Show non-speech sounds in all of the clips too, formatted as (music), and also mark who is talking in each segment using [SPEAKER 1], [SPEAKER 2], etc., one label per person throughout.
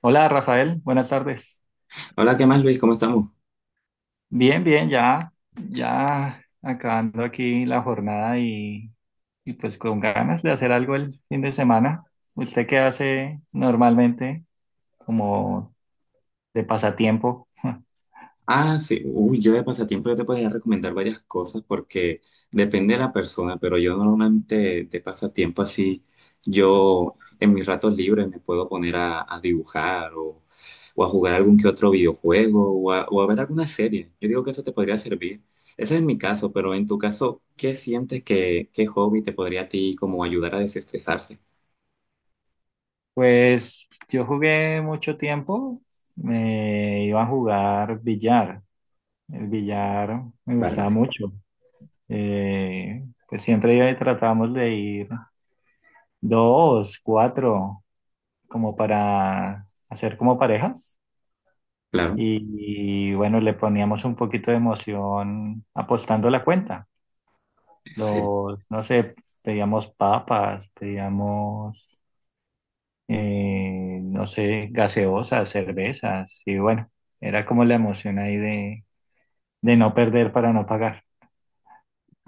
[SPEAKER 1] Hola Rafael, buenas tardes.
[SPEAKER 2] Hola, ¿qué más, Luis? ¿Cómo estamos?
[SPEAKER 1] Bien, bien, ya, ya acabando aquí la jornada y pues con ganas de hacer algo el fin de semana. ¿Usted qué hace normalmente como de pasatiempo? (laughs)
[SPEAKER 2] Ah, sí. Uy, yo de pasatiempo yo te podría recomendar varias cosas porque depende de la persona, pero yo normalmente de pasatiempo así, yo en mis ratos libres me puedo poner a dibujar o a jugar algún que otro videojuego o a ver alguna serie. Yo digo que eso te podría servir. Ese es mi caso, pero en tu caso, ¿qué sientes que qué hobby te podría a ti como ayudar a desestresarse?
[SPEAKER 1] Pues yo jugué mucho tiempo, me iba a jugar billar. El billar me
[SPEAKER 2] Vale,
[SPEAKER 1] gustaba
[SPEAKER 2] vale.
[SPEAKER 1] mucho. Pues siempre iba y tratábamos de ir dos, cuatro, como para hacer como parejas.
[SPEAKER 2] Claro.
[SPEAKER 1] Y, bueno, le poníamos un poquito de emoción apostando la cuenta.
[SPEAKER 2] Sí.
[SPEAKER 1] Los, no sé, pedíamos papas, pedíamos, no sé, gaseosas, cervezas. Y bueno, era como la emoción ahí de no perder para no pagar.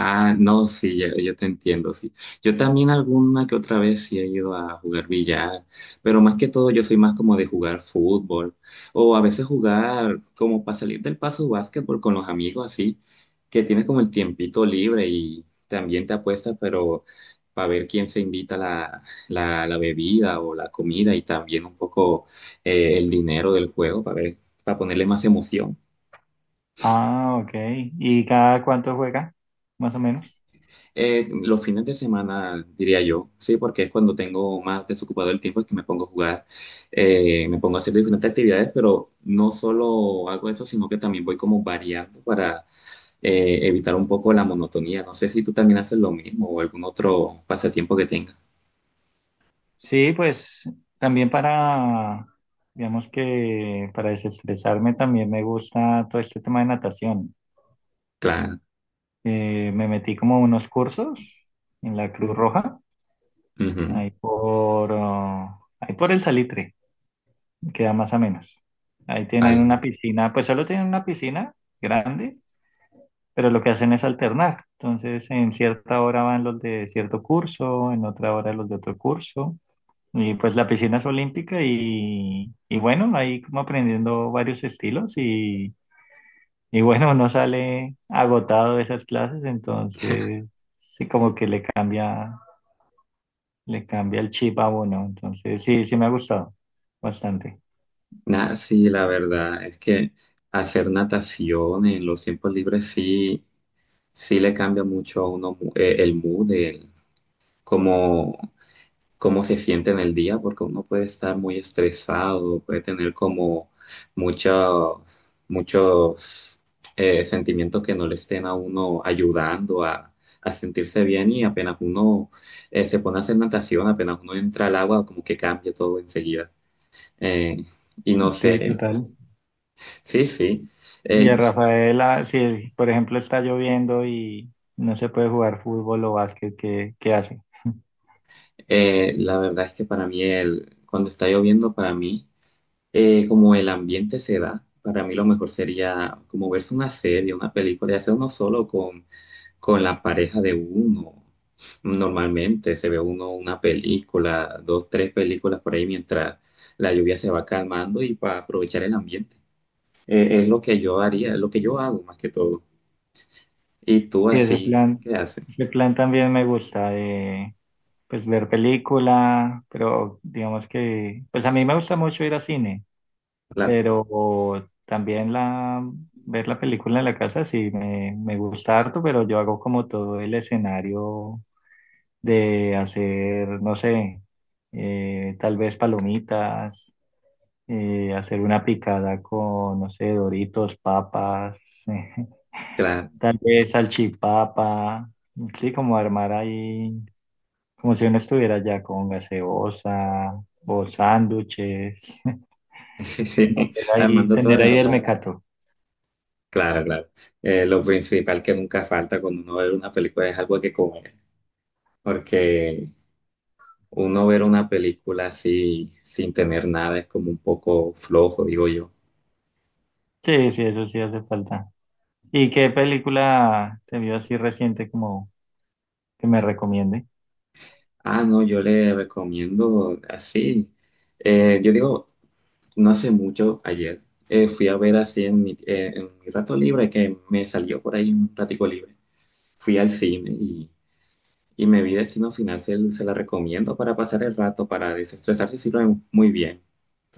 [SPEAKER 2] Ah, no, sí, yo te entiendo, sí. Yo también alguna que otra vez sí he ido a jugar billar, pero más que todo yo soy más como de jugar fútbol o a veces jugar como para salir del paso básquetbol con los amigos así, que tienes como el tiempito libre y también te apuestas, pero para ver quién se invita la bebida o la comida y también un poco el dinero del juego para ver, para ponerle más emoción.
[SPEAKER 1] Ah, ok. ¿Y cada cuánto juega? Más o menos.
[SPEAKER 2] Los fines de semana, diría yo, sí, porque es cuando tengo más desocupado el tiempo, es que me pongo a jugar, me pongo a hacer diferentes actividades, pero no solo hago eso, sino que también voy como variando para evitar un poco la monotonía. No sé si tú también haces lo mismo o algún otro pasatiempo que tengas.
[SPEAKER 1] Sí, pues también para, digamos que para desestresarme también me gusta todo este tema de natación.
[SPEAKER 2] Claro.
[SPEAKER 1] Me metí como unos cursos en la Cruz Roja,
[SPEAKER 2] Ujú.
[SPEAKER 1] ahí por, oh, ahí por el Salitre, queda más o menos. Ahí tienen una
[SPEAKER 2] Vale.
[SPEAKER 1] piscina, pues solo tienen una piscina grande, pero lo que hacen es alternar. Entonces, en cierta hora van los de cierto curso, en otra hora los de otro curso. Y pues la piscina es olímpica y bueno, ahí como aprendiendo varios estilos y bueno, uno sale agotado de esas clases, entonces sí como que le cambia el chip a uno. Entonces sí, sí me ha gustado bastante.
[SPEAKER 2] Nah, sí, la verdad es que hacer natación en los tiempos libres sí, sí le cambia mucho a uno el mood, como cómo se siente en el día, porque uno puede estar muy estresado, puede tener como muchos sentimientos que no le estén a uno ayudando a sentirse bien y apenas uno se pone a hacer natación, apenas uno entra al agua, como que cambia todo enseguida. Eh, y no
[SPEAKER 1] Sí,
[SPEAKER 2] sé,
[SPEAKER 1] total.
[SPEAKER 2] sí, sí.
[SPEAKER 1] Y
[SPEAKER 2] Eh,
[SPEAKER 1] a Rafaela, si por ejemplo está lloviendo y no se puede jugar fútbol o básquet, ¿qué hace?
[SPEAKER 2] la verdad es que para mí el, cuando está lloviendo, para mí como el ambiente se da, para mí lo mejor sería como verse una serie, una película, y hacer uno solo con la pareja de uno. Normalmente se ve uno una película, dos, tres películas por ahí mientras la lluvia se va calmando y para aprovechar el ambiente. Es lo que yo haría, es lo que yo hago más que todo. Y tú
[SPEAKER 1] Sí,
[SPEAKER 2] así, ¿qué haces?
[SPEAKER 1] ese plan también me gusta. Pues ver película, pero digamos que, pues a mí me gusta mucho ir a cine,
[SPEAKER 2] Claro,
[SPEAKER 1] pero también la, ver la película en la casa sí me gusta harto, pero yo hago como todo el escenario de hacer, no sé, tal vez palomitas, hacer una picada con, no sé, Doritos, papas, (laughs)
[SPEAKER 2] claro. (laughs)
[SPEAKER 1] tal vez salchipapa, sí, como armar ahí como si uno estuviera ya con gaseosa o sándwiches, (laughs) como
[SPEAKER 2] Sí,
[SPEAKER 1] hacer ahí,
[SPEAKER 2] armando todo
[SPEAKER 1] tener
[SPEAKER 2] el
[SPEAKER 1] ahí el
[SPEAKER 2] ambiente.
[SPEAKER 1] mecato.
[SPEAKER 2] Claro, claro. Lo principal que nunca falta cuando uno ve una película es algo que comer, porque uno ver una película así sin tener nada es como un poco flojo, digo yo.
[SPEAKER 1] Sí, sí, eso sí hace falta. ¿Y qué película se vio así reciente como que me recomiende?
[SPEAKER 2] Ah, no, yo le recomiendo así. Yo digo, no hace mucho, ayer, fui a ver así en mi rato libre, que me salió por ahí un ratico libre. Fui al cine y me vi Destino Final, se la recomiendo para pasar el rato, para desestresarse, sirve muy bien.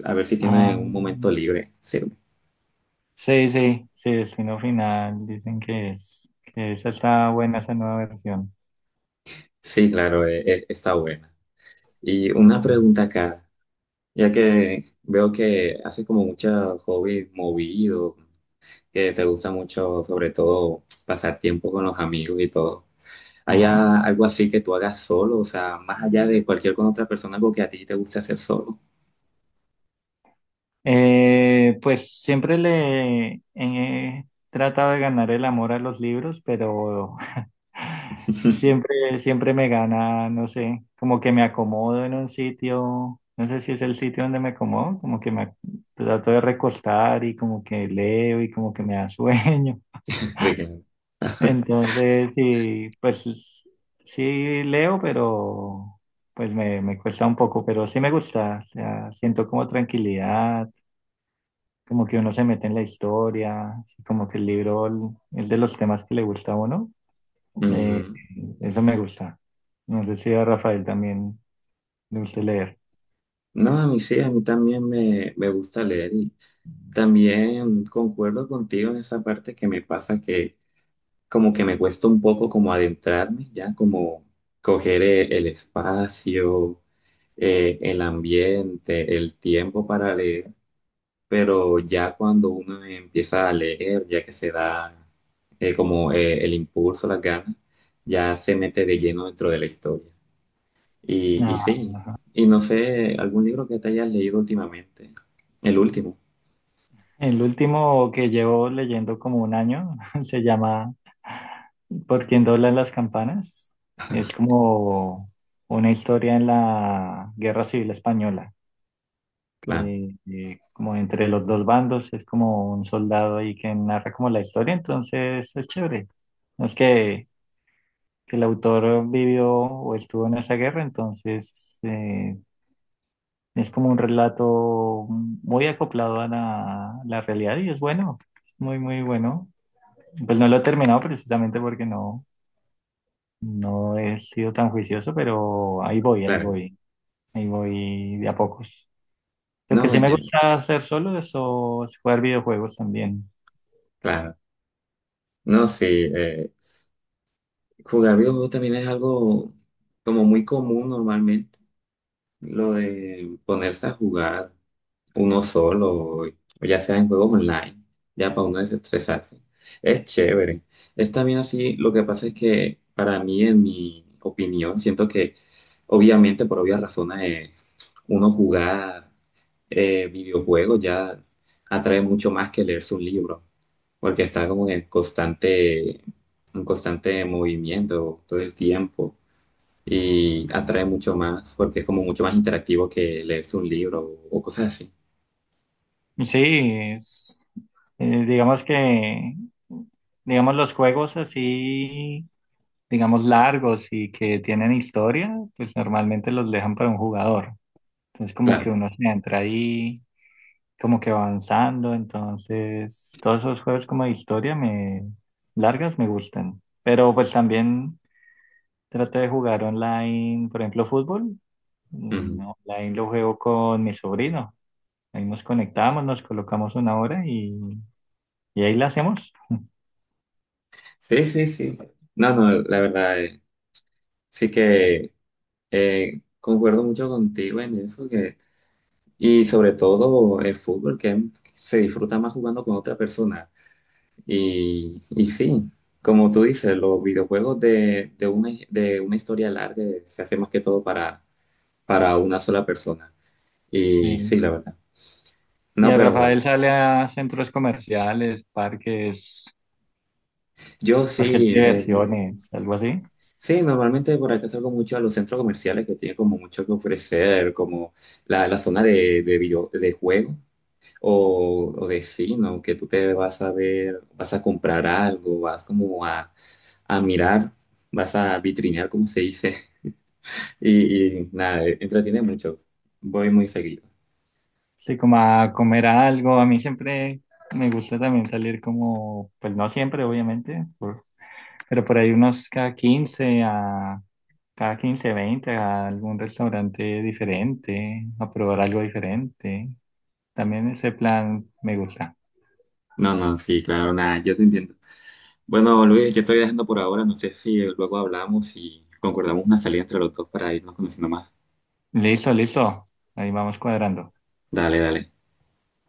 [SPEAKER 2] A ver si tiene
[SPEAKER 1] Ah,
[SPEAKER 2] un momento libre, sirve.
[SPEAKER 1] sí, sí, sí, Destino Final, dicen que es, que esa está buena, esa nueva versión.
[SPEAKER 2] Sí, claro, está buena. Y una pregunta acá, ya que veo que haces como muchos hobbies movidos, que te gusta mucho, sobre todo, pasar tiempo con los amigos y todo. ¿Hay
[SPEAKER 1] Ajá.
[SPEAKER 2] algo así que tú hagas solo? O sea, más allá de cualquier con otra persona, algo que a ti te gusta hacer solo.
[SPEAKER 1] Pues siempre le he tratado de ganar el amor a los libros, pero (laughs)
[SPEAKER 2] (laughs)
[SPEAKER 1] siempre, siempre me gana, no sé, como que me acomodo en un sitio, no sé si es el sitio donde me acomodo, como que trato de recostar y como que leo y como que me da (laughs) sueño.
[SPEAKER 2] Sí, claro.
[SPEAKER 1] Entonces, sí, pues sí leo, pero pues me cuesta un poco, pero sí me gusta, o sea, siento como tranquilidad como que uno se mete en la historia, así como que el libro es de los temas que le gusta a uno. Eh,
[SPEAKER 2] Ujú.
[SPEAKER 1] Eso me gusta. No sé si a Rafael también le gusta leer.
[SPEAKER 2] No, a mí sí, a mí también me gusta leer y también concuerdo contigo en esa parte que me pasa que como que me cuesta un poco como adentrarme, ya como coger el espacio, el ambiente, el tiempo para leer, pero ya cuando uno empieza a leer, ya que se da como el impulso, las ganas, ya se mete de lleno dentro de la historia. Y
[SPEAKER 1] Ah,
[SPEAKER 2] sí, y no sé, algún libro que te hayas leído últimamente, el último.
[SPEAKER 1] el último que llevo leyendo como un año (laughs) se llama ¿Por quién doblan las campanas?
[SPEAKER 2] (laughs)
[SPEAKER 1] Es como una historia en la Guerra Civil Española.
[SPEAKER 2] Claro,
[SPEAKER 1] Como entre los dos bandos, es como un soldado ahí que narra como la historia, entonces es chévere. No es que el autor vivió o estuvo en esa guerra, entonces es como un relato muy acoplado a la realidad y es bueno, muy, muy bueno. Pues no lo he terminado precisamente porque no, no he sido tan juicioso, pero ahí voy, ahí
[SPEAKER 2] claro.
[SPEAKER 1] voy, ahí voy de a pocos. Lo que
[SPEAKER 2] No,
[SPEAKER 1] sí me
[SPEAKER 2] yo-
[SPEAKER 1] gusta hacer solo es, o, es jugar videojuegos también.
[SPEAKER 2] claro. No, sí. Jugar videojuegos también es algo como muy común normalmente, lo de ponerse a jugar uno solo, o ya sea en juegos online, ya para uno desestresarse. Es chévere. Es también así, lo que pasa es que para mí, en mi opinión, siento que obviamente por obvias razones eh, uno jugar videojuegos ya atrae mucho más que leerse un libro porque está como en constante movimiento todo el tiempo y atrae mucho más porque es como mucho más interactivo que leerse un libro o cosas así.
[SPEAKER 1] Sí, es, digamos que, digamos los juegos así digamos, largos y que tienen historia, pues normalmente los dejan para un jugador. Entonces como que
[SPEAKER 2] Claro.
[SPEAKER 1] uno se entra ahí, como que va avanzando. Entonces todos esos juegos como de historia me largas me gustan. Pero pues también trato de jugar online, por ejemplo, fútbol.
[SPEAKER 2] Ujú.
[SPEAKER 1] Online lo juego con mi sobrino. Ahí nos conectamos, nos colocamos una hora y ahí la hacemos.
[SPEAKER 2] Sí, sí, sí. No, no, la verdad, sí que concuerdo mucho contigo en eso que, y sobre todo el fútbol que se disfruta más jugando con otra persona. Y sí, como tú dices, los videojuegos de una historia larga se hace más que todo para una sola persona. Y
[SPEAKER 1] Sí.
[SPEAKER 2] sí, la verdad.
[SPEAKER 1] Y
[SPEAKER 2] No,
[SPEAKER 1] a Rafael
[SPEAKER 2] pero
[SPEAKER 1] sale a centros comerciales, parques,
[SPEAKER 2] yo
[SPEAKER 1] parques
[SPEAKER 2] sí,
[SPEAKER 1] de diversiones, algo así.
[SPEAKER 2] sí, normalmente por acá salgo mucho a los centros comerciales que tienen como mucho que ofrecer, como la zona de video, de juego o de cine, ¿no? Que tú te vas a ver, vas a comprar algo, vas como a mirar, vas a vitrinear, como se dice. Y nada, entretiene mucho. Voy muy seguido.
[SPEAKER 1] Sí, como a comer algo. A mí siempre me gusta también salir como, pues no siempre, obviamente, pero por ahí unos cada 15 a cada 15 20 a algún restaurante diferente, a probar algo diferente. También ese plan me gusta.
[SPEAKER 2] No, no, sí, claro, nada, yo te entiendo. Bueno, Luis, yo estoy dejando por ahora. No sé si luego hablamos y concordamos una salida entre los dos para irnos conociendo más.
[SPEAKER 1] Listo, listo. Ahí vamos cuadrando.
[SPEAKER 2] Dale, dale.